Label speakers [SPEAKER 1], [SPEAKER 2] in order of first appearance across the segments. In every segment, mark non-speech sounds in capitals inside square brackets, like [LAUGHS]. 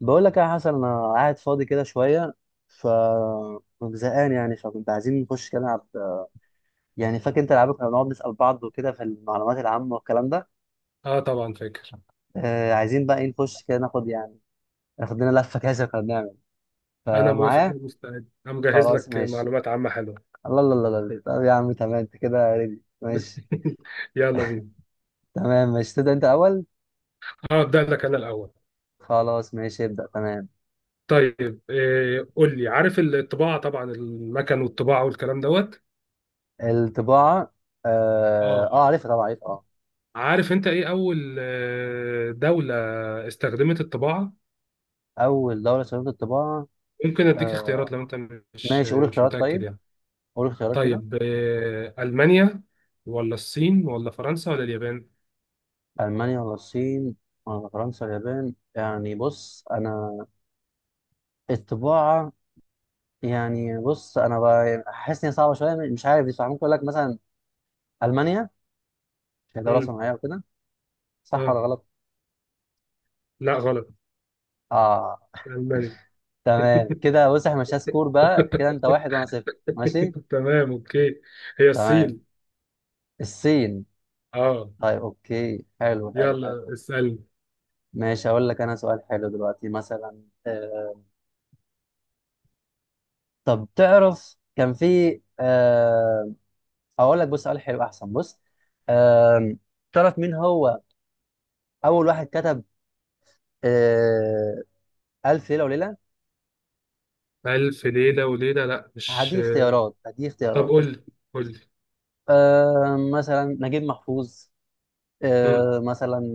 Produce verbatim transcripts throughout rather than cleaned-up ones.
[SPEAKER 1] بقول لك يا حسن انا قاعد فاضي كده شويه ف زهقان يعني، فكنت عايزين نخش كده نلعب. يعني فاكر انت العاب كنا بنقعد نسال بعض وكده في المعلومات العامه والكلام ده.
[SPEAKER 2] اه، طبعا فاكر.
[SPEAKER 1] آه عايزين بقى ايه، نخش كده ناخد يعني، ناخد لنا لفه كده زي ما كنا بنعمل.
[SPEAKER 2] انا موافق، انا
[SPEAKER 1] فمعايا
[SPEAKER 2] مستعد، انا مجهز
[SPEAKER 1] خلاص
[SPEAKER 2] لك
[SPEAKER 1] ماشي.
[SPEAKER 2] معلومات عامة حلوة.
[SPEAKER 1] الله الله الله الله، طب يا عم تمام، انت كده ريدي ماشي.
[SPEAKER 2] [LAUGHS] يلا بينا.
[SPEAKER 1] تمام ماشي، تبدا انت اول.
[SPEAKER 2] هبدأ لك انا الاول.
[SPEAKER 1] خلاص ماشي ابدا تمام.
[SPEAKER 2] طيب إيه، قول لي عارف الطباعة طبعا، المكن والطباعة والكلام دوت.
[SPEAKER 1] الطباعه. اه,
[SPEAKER 2] اه،
[SPEAKER 1] آه عارفها طبعا، عارفها اه.
[SPEAKER 2] عارف انت ايه اول آه، دولة استخدمت الطباعة؟
[SPEAKER 1] اول دوله استخدمت الطباعه.
[SPEAKER 2] ممكن اديك
[SPEAKER 1] آه،
[SPEAKER 2] اختيارات لو انت مش
[SPEAKER 1] ماشي قول
[SPEAKER 2] مش
[SPEAKER 1] اختيارات
[SPEAKER 2] متأكد
[SPEAKER 1] طيب،
[SPEAKER 2] يعني.
[SPEAKER 1] قول اختيارات كده.
[SPEAKER 2] طيب، آه، ألمانيا ولا الصين ولا فرنسا ولا اليابان؟
[SPEAKER 1] ألمانيا ولا الصين ولا فرنسا ولا اليابان؟ يعني بص أنا، الطباعة، يعني بص أنا ب- حاسس إن هي صعبة شوية، مش عارف، بس ممكن أقول لك مثلا ألمانيا، عشان هي دولة
[SPEAKER 2] امم.
[SPEAKER 1] صناعية وكده. صح
[SPEAKER 2] اه،
[SPEAKER 1] ولا غلط؟
[SPEAKER 2] لا غلط.
[SPEAKER 1] آه.
[SPEAKER 2] مش ألمانيا.
[SPEAKER 1] تمام كده، بص إحنا مش سكور بقى كده، أنت واحد وأنا صفر. ماشي.
[SPEAKER 2] [LAUGHS] تمام اوكي. هي
[SPEAKER 1] تمام.
[SPEAKER 2] الصين.
[SPEAKER 1] الصين.
[SPEAKER 2] اه.
[SPEAKER 1] طيب أوكي، حلو حلو حلو.
[SPEAKER 2] يلا اسأل.
[SPEAKER 1] ماشي أقول لك أنا سؤال حلو دلوقتي، مثلا آه، طب تعرف كان في آه، هقول لك بص سؤال حلو احسن، بص، آم، تعرف مين هو اول واحد كتب آه، الف ليله وليله؟
[SPEAKER 2] ألف ليلة وليلة؟ لا، مش.
[SPEAKER 1] هدي اختيارات، هدي
[SPEAKER 2] طب قول
[SPEAKER 1] اختيارات.
[SPEAKER 2] لي، قول لي.
[SPEAKER 1] آم، مثلا نجيب محفوظ
[SPEAKER 2] مم.
[SPEAKER 1] آه، مثلا،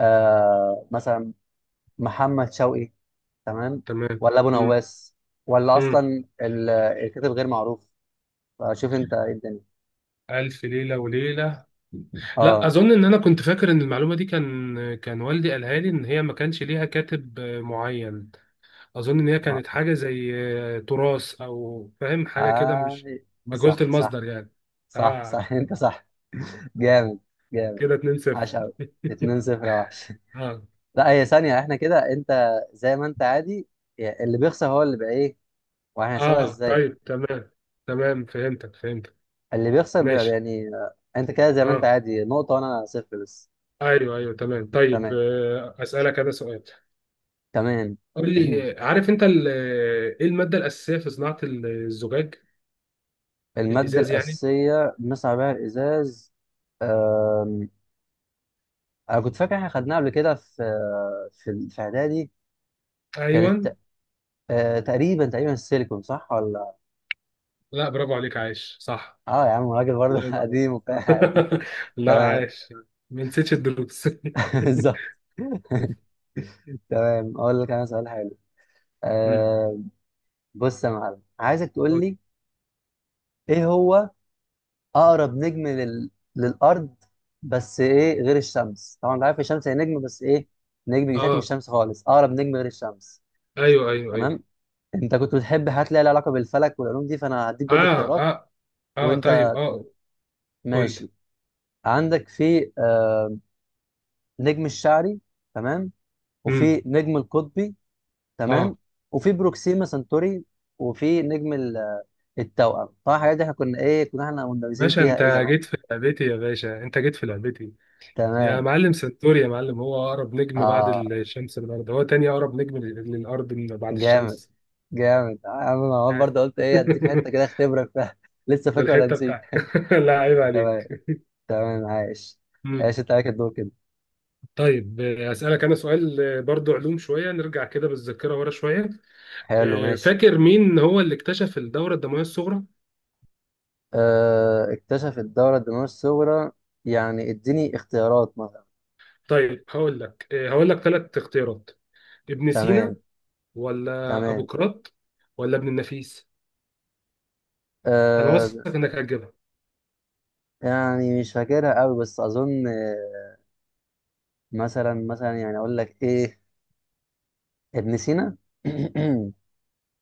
[SPEAKER 1] آه، مثلا محمد شوقي، تمام،
[SPEAKER 2] تمام.
[SPEAKER 1] ولا ابو
[SPEAKER 2] مم.
[SPEAKER 1] نواس، ولا
[SPEAKER 2] مم.
[SPEAKER 1] اصلا ال- الكاتب غير معروف. شوف انت ايه الدنيا.
[SPEAKER 2] ألف ليلة وليلة. لا،
[SPEAKER 1] اه.
[SPEAKER 2] أظن إن أنا كنت فاكر إن المعلومة دي كان كان والدي قالها لي إن هي ما كانش ليها كاتب آه، معين. أظن إن هي
[SPEAKER 1] اه
[SPEAKER 2] كانت حاجة زي آه، تراث، أو فاهم حاجة كده،
[SPEAKER 1] آه،
[SPEAKER 2] مش مجهولة
[SPEAKER 1] صح
[SPEAKER 2] المصدر
[SPEAKER 1] صح.
[SPEAKER 2] يعني.
[SPEAKER 1] صح
[SPEAKER 2] آه،
[SPEAKER 1] صح. [LAUGHS] انت صح. جامد. جامد.
[SPEAKER 2] كده اتنين
[SPEAKER 1] عاش
[SPEAKER 2] صفر.
[SPEAKER 1] قوي. اتنين
[SPEAKER 2] [LAUGHS]
[SPEAKER 1] صفر يا وحش.
[SPEAKER 2] آه.
[SPEAKER 1] لا هي ثانية، احنا كده انت زي ما انت عادي يعني، اللي بيخسر هو اللي بقى ايه. وهنحسبها
[SPEAKER 2] آه،
[SPEAKER 1] ازاي؟
[SPEAKER 2] طيب تمام. تمام، فهمتك فهمتك.
[SPEAKER 1] اللي بيخسر بيبقى
[SPEAKER 2] ماشي.
[SPEAKER 1] يعني آه، انت كده زي ما انت
[SPEAKER 2] آه.
[SPEAKER 1] عادي نقطة، وانا صفر بس.
[SPEAKER 2] ايوه ايوه، تمام. طيب
[SPEAKER 1] تمام.
[SPEAKER 2] آه، اسالك انا سؤال.
[SPEAKER 1] تمام.
[SPEAKER 2] قول
[SPEAKER 1] [CLEARS THROAT]
[SPEAKER 2] لي عارف انت ال- ايه الماده الاساسيه في صناعه الزجاج؟
[SPEAKER 1] المادة
[SPEAKER 2] الازاز يعني.
[SPEAKER 1] الأساسية بنصنع بيها الإزاز. آم، أنا كنت فاكر احنا خدناها قبل كده في، في في إعدادي.
[SPEAKER 2] ايوه.
[SPEAKER 1] كانت ت- آه، تقريبا تقريبا السيليكون، صح ولا؟
[SPEAKER 2] لا برافو عليك، عايش صح.
[SPEAKER 1] اه يا عم، راجل برضه
[SPEAKER 2] الله
[SPEAKER 1] [LAUGHS]
[SPEAKER 2] ينور.
[SPEAKER 1] قديم وبتاع قديم.
[SPEAKER 2] [LAUGHS] لا،
[SPEAKER 1] تمام.
[SPEAKER 2] عايش. ما نسيتش الدروس.
[SPEAKER 1] [LAUGHS] بالظبط.
[SPEAKER 2] [LAUGHS]
[SPEAKER 1] تمام أقول لك أنا سؤال حلو.
[SPEAKER 2] مم.
[SPEAKER 1] آه، بص يا معلم، عايزك تقول لي ايه هو اقرب نجم لل... للارض؟ بس ايه غير الشمس طبعا، انت عارف الشمس هي نجم، بس ايه نجم بيساك من
[SPEAKER 2] اه،
[SPEAKER 1] الشمس خالص، اقرب نجم غير الشمس.
[SPEAKER 2] ايوه ايوه ايوه.
[SPEAKER 1] تمام. انت كنت بتحب حاجات ليها علاقه بالفلك والعلوم دي، فانا هديك برضه
[SPEAKER 2] اه
[SPEAKER 1] اختيارات
[SPEAKER 2] اه اه، طيب
[SPEAKER 1] وانت تقول
[SPEAKER 2] اه.
[SPEAKER 1] لي.
[SPEAKER 2] قول لي.
[SPEAKER 1] ماشي. عندك في آه، نجم الشعري، تمام،
[SPEAKER 2] مم.
[SPEAKER 1] وفي نجم القطبي، تمام،
[SPEAKER 2] اه.
[SPEAKER 1] وفي بروكسيما سنتوري، وفي نجم ال- التوأم. طبعا الحاجات دي احنا كنا ايه، كنا احنا مندرسين
[SPEAKER 2] باشا
[SPEAKER 1] فيها
[SPEAKER 2] انت
[SPEAKER 1] ايه زمان.
[SPEAKER 2] جيت في لعبتي، يا باشا انت جيت في لعبتي. يا
[SPEAKER 1] تمام.
[SPEAKER 2] معلم سنتوري، يا معلم هو اقرب نجم بعد
[SPEAKER 1] اه
[SPEAKER 2] الشمس للارض، هو تاني اقرب نجم لل- للارض من بعد
[SPEAKER 1] جامد.
[SPEAKER 2] الشمس.
[SPEAKER 1] جامد يا عم، انا عمال
[SPEAKER 2] عارف.
[SPEAKER 1] برضه قلت ايه اديك حته كده
[SPEAKER 2] [LAUGHS]
[SPEAKER 1] اختبرك فيها [LAUGHS] لسه فاكر ولا
[SPEAKER 2] بالحته
[SPEAKER 1] نسيت.
[SPEAKER 2] بتاعتك. [LAUGHS] لا، عيب
[SPEAKER 1] [LAUGHS] تمام.
[SPEAKER 2] عليك.
[SPEAKER 1] تمام عايش.
[SPEAKER 2] مم.
[SPEAKER 1] عايش، انت عليك الدور كده.
[SPEAKER 2] طيب آه، اسالك انا سؤال آه، برضو علوم شويه، نرجع كده بالذاكره ورا شويه.
[SPEAKER 1] حلو
[SPEAKER 2] آه،
[SPEAKER 1] ماشي.
[SPEAKER 2] فاكر مين هو اللي اكتشف الدوره الدمويه الصغرى؟
[SPEAKER 1] آه، اكتشف الدورة الدموية الصغرى. يعني اديني اختيارات مثلا.
[SPEAKER 2] طيب هقول لك آه، هقول لك ثلاث اختيارات. ابن
[SPEAKER 1] تمام.
[SPEAKER 2] سينا، ولا
[SPEAKER 1] تمام.
[SPEAKER 2] ابوقراط، ولا ابن النفيس. انا واثق
[SPEAKER 1] آه.
[SPEAKER 2] انك هتجيبها.
[SPEAKER 1] يعني مش فاكرها قوي، بس اظن آه، مثلا مثلا يعني اقول لك ايه، ابن سينا. [CLEARS THROAT]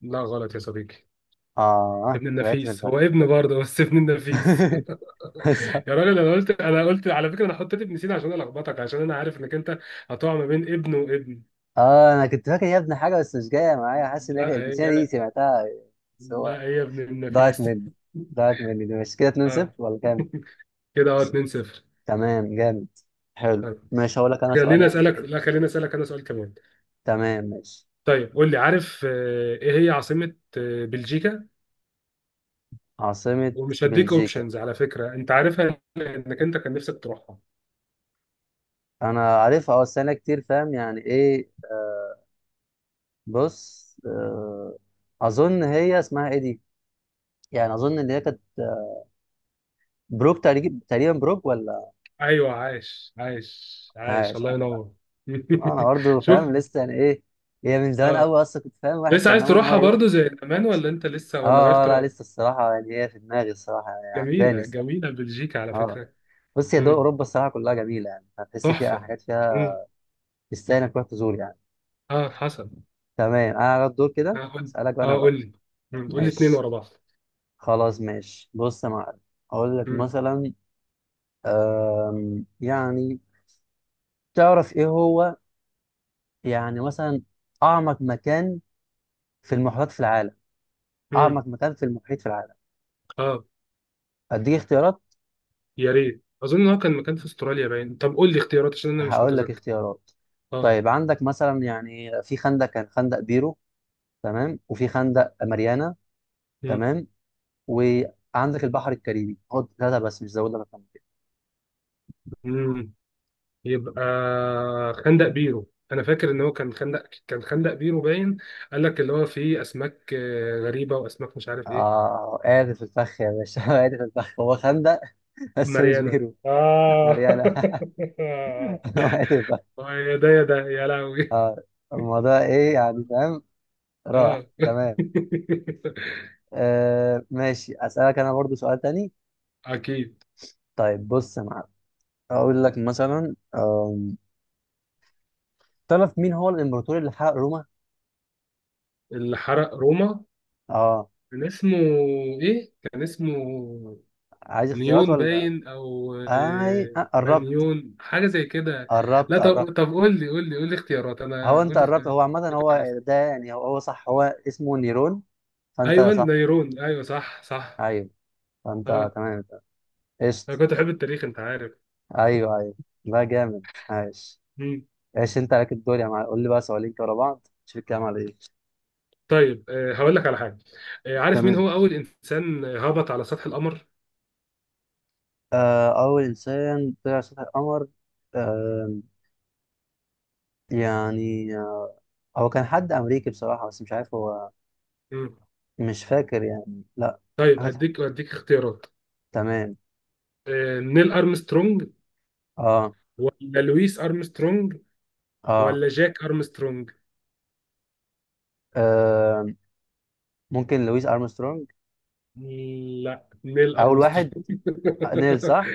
[SPEAKER 2] لا غلط يا صديقي.
[SPEAKER 1] اه
[SPEAKER 2] ابن
[SPEAKER 1] وقعت في
[SPEAKER 2] النفيس،
[SPEAKER 1] الفخ.
[SPEAKER 2] هو ابن برضه، بس ابن النفيس. [LAUGHS]
[SPEAKER 1] [LAUGHS]
[SPEAKER 2] يا راجل، انا قلت انا قلت على فكره انا حطيت ابن سينا عشان الخبطك، عشان انا عارف انك انت هتقع ما بين ابن وابن.
[SPEAKER 1] اه انا كنت فاكر يا ابني حاجه، بس مش جايه معايا، حاسس ان هي
[SPEAKER 2] لا
[SPEAKER 1] البتاعه دي
[SPEAKER 2] هي
[SPEAKER 1] سمعتها بس هو،
[SPEAKER 2] لا هي ابن
[SPEAKER 1] ضاعت
[SPEAKER 2] النفيس. [LAUGHS]
[SPEAKER 1] مني. ضاعت مني. دي مش كده اتنين صفر
[SPEAKER 2] اه،
[SPEAKER 1] ولا كام؟
[SPEAKER 2] كده اهو اتنين صفر.
[SPEAKER 1] تمام جامد. حلو
[SPEAKER 2] طيب
[SPEAKER 1] ماشي هقول لك انا سؤال
[SPEAKER 2] خليني
[SPEAKER 1] يا عم
[SPEAKER 2] اسالك،
[SPEAKER 1] كده.
[SPEAKER 2] لا خليني اسالك انا سؤال كمان.
[SPEAKER 1] تمام ماشي.
[SPEAKER 2] طيب قول لي عارف آه، ايه هي عاصمه آه، بلجيكا؟
[SPEAKER 1] عاصمه
[SPEAKER 2] ومش هديك
[SPEAKER 1] بلجيكا.
[SPEAKER 2] اوبشنز على فكره، انت عارفها، انك انت كان نفسك تروحها.
[SPEAKER 1] انا عارفها اه، بس انا كتير فاهم يعني ايه، آه، بص آه، اظن هي اسمها ايه دي، يعني اظن ان هي كانت آه، بروك تقريبا، تقريبا بروك ولا؟
[SPEAKER 2] ايوه، عايش عايش عايش،
[SPEAKER 1] عايش.
[SPEAKER 2] الله ينور. [LAUGHS]
[SPEAKER 1] انا برضه
[SPEAKER 2] شوف.
[SPEAKER 1] فاهم لسه يعني ايه. هي من زمان
[SPEAKER 2] اه.
[SPEAKER 1] قوي اصلا، كنت فاهم واحد
[SPEAKER 2] لسه
[SPEAKER 1] كان
[SPEAKER 2] عايز
[SPEAKER 1] ناوي ان هو
[SPEAKER 2] تروحها
[SPEAKER 1] يروح.
[SPEAKER 2] برضو زي زمان، ولا انت لسه، ولا
[SPEAKER 1] اه آه،
[SPEAKER 2] غيرت
[SPEAKER 1] لا
[SPEAKER 2] رأيك؟
[SPEAKER 1] لسه الصراحه، يعني هي في دماغي الصراحه، يعني عجباني
[SPEAKER 2] جميلة
[SPEAKER 1] الصراحه.
[SPEAKER 2] جميلة بلجيكا على
[SPEAKER 1] اه
[SPEAKER 2] فكرة.
[SPEAKER 1] بص، هي دول
[SPEAKER 2] مم.
[SPEAKER 1] اوروبا الصراحه كلها جميله، يعني هتحس فيها
[SPEAKER 2] تحفة.
[SPEAKER 1] حاجات فيها،
[SPEAKER 2] مم.
[SPEAKER 1] تستاهل انك تروح تزور يعني.
[SPEAKER 2] اه، حصل.
[SPEAKER 1] تمام. انا على الدور
[SPEAKER 2] اه
[SPEAKER 1] كده.
[SPEAKER 2] قول.
[SPEAKER 1] اسالك بقى انا
[SPEAKER 2] اه،
[SPEAKER 1] بقى.
[SPEAKER 2] قول لي. مم. قول لي اتنين
[SPEAKER 1] ماشي.
[SPEAKER 2] ورا بعض.
[SPEAKER 1] خلاص ماشي، بص يا معلم اقول لك
[SPEAKER 2] مم.
[SPEAKER 1] مثلا، أم يعني تعرف ايه هو، يعني مثلا اعمق مكان في المحيطات في العالم؟
[SPEAKER 2] مم.
[SPEAKER 1] اعمق مكان في المحيط في العالم.
[SPEAKER 2] اه.
[SPEAKER 1] اديك اختيارات.
[SPEAKER 2] يا ريت. اظن ان هو كان مكان في استراليا باين. طب قول لي اختيارات عشان انا مش
[SPEAKER 1] هقول لك
[SPEAKER 2] متذكر.
[SPEAKER 1] اختيارات.
[SPEAKER 2] اه.
[SPEAKER 1] طيب عندك مثلا يعني، في خندق كان خندق بيرو تمام، وفي خندق ماريانا
[SPEAKER 2] مم.
[SPEAKER 1] تمام، وعندك البحر الكاريبي. خد ثلاثة بس، مش زودنا مكان كده.
[SPEAKER 2] مم. يبقى، خندق بيرو، انا فاكر ان هو كان خندق كان خندق بيرو باين. قال لك اللي هو فيه اسماك آه، غريبة، واسماك مش عارف ايه.
[SPEAKER 1] اه قاعد في الفخ يا باشا. [LAUGHS] قاعد في الفخ. هو خندق [LAUGHS] بس مش
[SPEAKER 2] مريانة.
[SPEAKER 1] بيرو.
[SPEAKER 2] آه.
[SPEAKER 1] ماريانا. [LAUGHS] هو قاعد في الفخ.
[SPEAKER 2] [LAUGHS] يا ده يا ده يا لهوي.
[SPEAKER 1] اه. الموضوع ايه، يعني فاهم. راح.
[SPEAKER 2] آه.
[SPEAKER 1] تمام.
[SPEAKER 2] [LAUGHS]
[SPEAKER 1] آه ماشي اسألك انا برضو سؤال تاني.
[SPEAKER 2] أكيد.
[SPEAKER 1] طيب بص يا معلم، اقول لك مثلا آم، تعرف مين هو الامبراطور اللي حرق روما؟
[SPEAKER 2] اللي حرق روما
[SPEAKER 1] اه.
[SPEAKER 2] كان اسمه إيه؟ كان اسمه
[SPEAKER 1] عايز اختيارات
[SPEAKER 2] نيون
[SPEAKER 1] ولا؟
[SPEAKER 2] باين، أو
[SPEAKER 1] اي
[SPEAKER 2] آه،
[SPEAKER 1] آه قربت.
[SPEAKER 2] مانيون، حاجة زي كده.
[SPEAKER 1] قربت
[SPEAKER 2] لا،
[SPEAKER 1] قربت.
[SPEAKER 2] طب طب قول لي قول لي قول لي اختيارات،
[SPEAKER 1] هو
[SPEAKER 2] أنا قول
[SPEAKER 1] انت
[SPEAKER 2] لي
[SPEAKER 1] قربت،
[SPEAKER 2] اختيارات.
[SPEAKER 1] هو عامة هو
[SPEAKER 2] فاكر اسمه.
[SPEAKER 1] ده يعني هو, هو صح، هو اسمه نيرون، فانت
[SPEAKER 2] أيوه،
[SPEAKER 1] صح.
[SPEAKER 2] نيرون، أيوه، صح صح.
[SPEAKER 1] ايوه. فانت
[SPEAKER 2] آه.
[SPEAKER 1] تمام.
[SPEAKER 2] أنا
[SPEAKER 1] قشطة.
[SPEAKER 2] كنت أحب التاريخ، أنت عارف.
[SPEAKER 1] ايوه ايوه. لا جامد. عايش. ايش، انت عليك الدور يا معلم، قول لي بقى سؤالين كده ورا بعض شوف الكلام على ايه.
[SPEAKER 2] طيب آه، هقول لك على حاجه. آه، عارف مين
[SPEAKER 1] تمام.
[SPEAKER 2] هو اول انسان آه، هبط على سطح القمر؟
[SPEAKER 1] آه اول انسان طلع على سطح القمر. آه. يعني آه، هو كان حد امريكي بصراحة، بس مش عارف هو.
[SPEAKER 2] مم.
[SPEAKER 1] مش فاكر يعني، لا.
[SPEAKER 2] طيب اديك
[SPEAKER 1] حاجة-
[SPEAKER 2] اديك اختيارات.
[SPEAKER 1] تمام.
[SPEAKER 2] آه، نيل ارمسترونج،
[SPEAKER 1] اه
[SPEAKER 2] ولا لويس ارمسترونج،
[SPEAKER 1] اه
[SPEAKER 2] ولا جاك ارمسترونج.
[SPEAKER 1] آه، ممكن لويس ارمسترونج.
[SPEAKER 2] لا، نيل
[SPEAKER 1] اول واحد.
[SPEAKER 2] ارمسترونج.
[SPEAKER 1] نيل
[SPEAKER 2] [LAUGHS]
[SPEAKER 1] صح.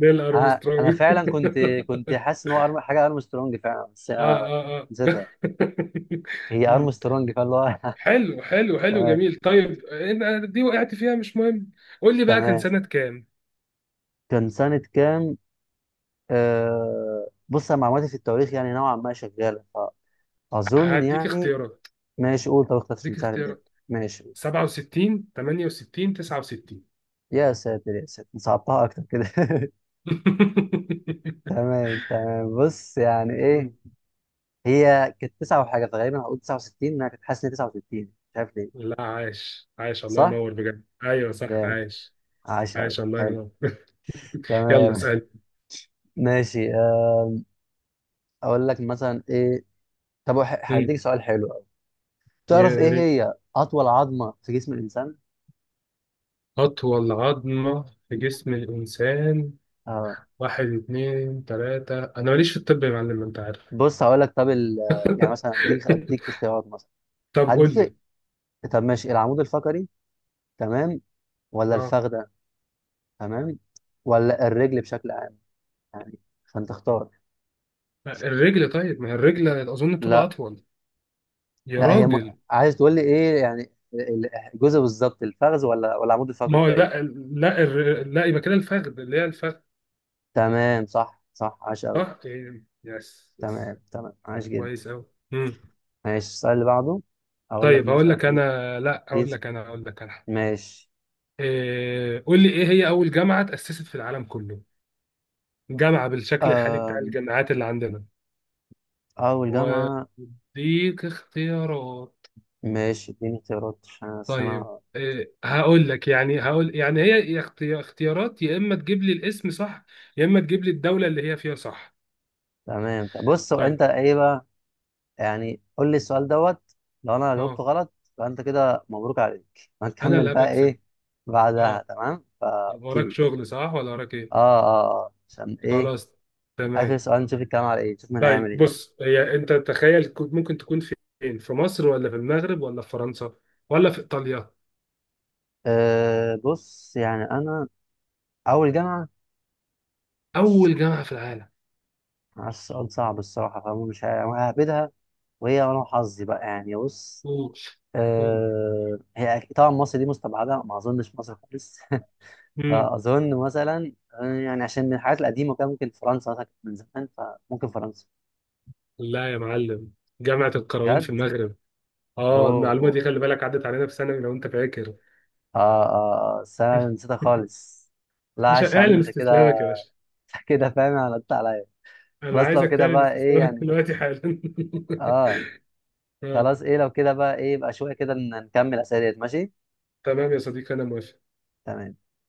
[SPEAKER 2] نيل
[SPEAKER 1] انا أنا
[SPEAKER 2] ارمسترونج. [LAUGHS]
[SPEAKER 1] فعلا كنت، كنت حاسس ان هو أرم... حاجه ارمسترونج فعلا، بس
[SPEAKER 2] اه
[SPEAKER 1] أنا
[SPEAKER 2] اه اه. [LAUGHS]
[SPEAKER 1] نسيتها. هي
[SPEAKER 2] مم.
[SPEAKER 1] ارمسترونج، فاللي هو.
[SPEAKER 2] حلو
[SPEAKER 1] [LAUGHS]
[SPEAKER 2] حلو حلو،
[SPEAKER 1] تمام.
[SPEAKER 2] جميل. طيب آه، دي وقعت فيها، مش مهم. قول لي بقى كان
[SPEAKER 1] تمام
[SPEAKER 2] سنه كام؟
[SPEAKER 1] كان سنه كام. آه... بص أنا معلوماتي في التواريخ يعني نوعا ما شغاله، فاظن
[SPEAKER 2] هديك
[SPEAKER 1] يعني.
[SPEAKER 2] اختيارات
[SPEAKER 1] ماشي قول، طب اختار
[SPEAKER 2] هديك
[SPEAKER 1] سهل الدنيا.
[SPEAKER 2] اختيارات
[SPEAKER 1] ماشي قول.
[SPEAKER 2] سبعة وستين، تمانية وستين، تسعة وستين.
[SPEAKER 1] يا ساتر، يا ساتر، صعبتها اكتر كده. [LAUGHS]
[SPEAKER 2] [LAUGHS]
[SPEAKER 1] تمام تمام، بص يعني ايه، هي كانت تسعة وحاجة، فغالبا هقول تسعة وستين. انا كنت حاسس ان هي تسعة وستين، مش عارف ليه.
[SPEAKER 2] لا، عايش عايش، الله
[SPEAKER 1] صح؟
[SPEAKER 2] ينور بجد، ايوه صح،
[SPEAKER 1] جامد.
[SPEAKER 2] عايش.
[SPEAKER 1] عاش قوي
[SPEAKER 2] عايش، الله
[SPEAKER 1] حلو.
[SPEAKER 2] ينور. [LAUGHS] يلا
[SPEAKER 1] تمام.
[SPEAKER 2] اسال.
[SPEAKER 1] [LAUGHS] ماشي. اقول لك مثلا ايه، طب وح-
[SPEAKER 2] مم.
[SPEAKER 1] هديك سؤال حلو قوي. تعرف ايه
[SPEAKER 2] يا ريت.
[SPEAKER 1] هي اطول عظمه في جسم الانسان؟
[SPEAKER 2] اطول عظمه في جسم الانسان.
[SPEAKER 1] آه
[SPEAKER 2] واحد، اتنين، تلاته، انا ماليش في الطب يا معلم، انت عارف.
[SPEAKER 1] بص هقول لك. طب ال... يعني مثلا اديك، اديك
[SPEAKER 2] [LAUGHS]
[SPEAKER 1] اختيارات مثلا.
[SPEAKER 2] طب قول
[SPEAKER 1] هديك.
[SPEAKER 2] لي.
[SPEAKER 1] طب ماشي، العمود الفقري تمام، ولا
[SPEAKER 2] اه.
[SPEAKER 1] الفخده تمام، ولا الرجل بشكل عام يعني، فانت اختار.
[SPEAKER 2] الرجل. طيب، ما هي الرجل اظن بتبقى
[SPEAKER 1] لا.
[SPEAKER 2] اطول. يا
[SPEAKER 1] لا هي م...
[SPEAKER 2] راجل.
[SPEAKER 1] عايز تقول لي ايه يعني، ال- الجزء بالظبط، الفخذ ولا ولا العمود
[SPEAKER 2] ما
[SPEAKER 1] الفقري
[SPEAKER 2] هو
[SPEAKER 1] طيب.
[SPEAKER 2] لا. لا الر- لا يبقى كده الفخذ، اللي هي الفخذ.
[SPEAKER 1] تمام صح صح عاش قوي.
[SPEAKER 2] اه، إيه. يس يس.
[SPEAKER 1] تمام تمام عاش جدا.
[SPEAKER 2] كويس أوي. مم.
[SPEAKER 1] ماشي السؤال اللي بعده، اقول لك
[SPEAKER 2] طيب هقول
[SPEAKER 1] مثلا
[SPEAKER 2] لك
[SPEAKER 1] ايه.
[SPEAKER 2] أنا لا هقول لك أنا هقول لك أنا.
[SPEAKER 1] ماشي.
[SPEAKER 2] إيه. قول لي إيه هي أول جامعة تأسست في العالم كله؟ جامعة بالشكل الحالي بتاع
[SPEAKER 1] آه
[SPEAKER 2] الجامعات اللي عندنا.
[SPEAKER 1] أول جامعة.
[SPEAKER 2] وأديك اختيارات.
[SPEAKER 1] ماشي اديني اختيارات عشان أصل
[SPEAKER 2] طيب
[SPEAKER 1] أنا.
[SPEAKER 2] إيه. هقول لك يعني، هقول يعني هي، يا اختي- اختيارات، يا إما تجيب لي الاسم صح، يا إما تجيب لي الدولة اللي هي فيها صح.
[SPEAKER 1] تمام. طب بص، هو أنت
[SPEAKER 2] طيب،
[SPEAKER 1] إيه بقى يعني، قول لي السؤال دوت، لو أنا جاوبته
[SPEAKER 2] أه.
[SPEAKER 1] غلط فأنت كده مبروك عليك
[SPEAKER 2] أنا
[SPEAKER 1] هنكمل
[SPEAKER 2] اللي
[SPEAKER 1] بقى
[SPEAKER 2] هبكسب.
[SPEAKER 1] إيه بعدها.
[SPEAKER 2] أه.
[SPEAKER 1] تمام فا
[SPEAKER 2] طب وراك
[SPEAKER 1] أوكي.
[SPEAKER 2] شغل صح، ولا وراك إيه؟
[SPEAKER 1] آه آه آه عشان إيه.
[SPEAKER 2] خلاص.
[SPEAKER 1] آخر
[SPEAKER 2] تمام.
[SPEAKER 1] سؤال نشوف الكلام على إيه، نشوف مين
[SPEAKER 2] طيب
[SPEAKER 1] هيعمل إيه بقى.
[SPEAKER 2] بص، هي انت تخيل كنت ممكن تكون فين، في مصر، ولا في المغرب، ولا في فرنسا، ولا في ايطاليا؟
[SPEAKER 1] آه بص يعني أنا، أول جامعة، مش
[SPEAKER 2] اول جامعه في العالم.
[SPEAKER 1] عارف، السؤال صعب الصراحة، فمش ههبدها، وهي أنا وحظي بقى يعني. بص
[SPEAKER 2] اوف. اوف.
[SPEAKER 1] آه، هي أك- طبعا مصر دي مستبعده، ما اظنش مصر خالص. [LAUGHS]
[SPEAKER 2] امم.
[SPEAKER 1] فاظن مثلا آه، يعني عشان من الحاجات القديمه، كان ممكن فرنسا مثلا كانت من زمان، فممكن فرنسا.
[SPEAKER 2] لا يا معلم، جامعه القرويين في
[SPEAKER 1] بجد.
[SPEAKER 2] المغرب. اه، المعلومه
[SPEAKER 1] اوه.
[SPEAKER 2] دي خلي بالك عدت علينا في ثانوي لو انت فاكر.
[SPEAKER 1] اه اه آه، بس انا
[SPEAKER 2] [LAUGHS]
[SPEAKER 1] نسيتها خالص. لا
[SPEAKER 2] باشا
[SPEAKER 1] عاش يا عم،
[SPEAKER 2] اعلن
[SPEAKER 1] انت
[SPEAKER 2] استسلامك
[SPEAKER 1] كده
[SPEAKER 2] يا باشا.
[SPEAKER 1] [LAUGHS] كده فاهم غلطت عليا.
[SPEAKER 2] انا
[SPEAKER 1] خلاص لو
[SPEAKER 2] عايزك
[SPEAKER 1] كده
[SPEAKER 2] تعلن
[SPEAKER 1] بقى ايه
[SPEAKER 2] استسلامك
[SPEAKER 1] يعني.
[SPEAKER 2] دلوقتي حالا.
[SPEAKER 1] اه
[SPEAKER 2] [LAUGHS] آه.
[SPEAKER 1] خلاص، ايه لو كده بقى ايه، يبقى شويه كده ن- نكمل اسئله ماشي.
[SPEAKER 2] تمام يا صديقي، انا موافق.
[SPEAKER 1] تمام.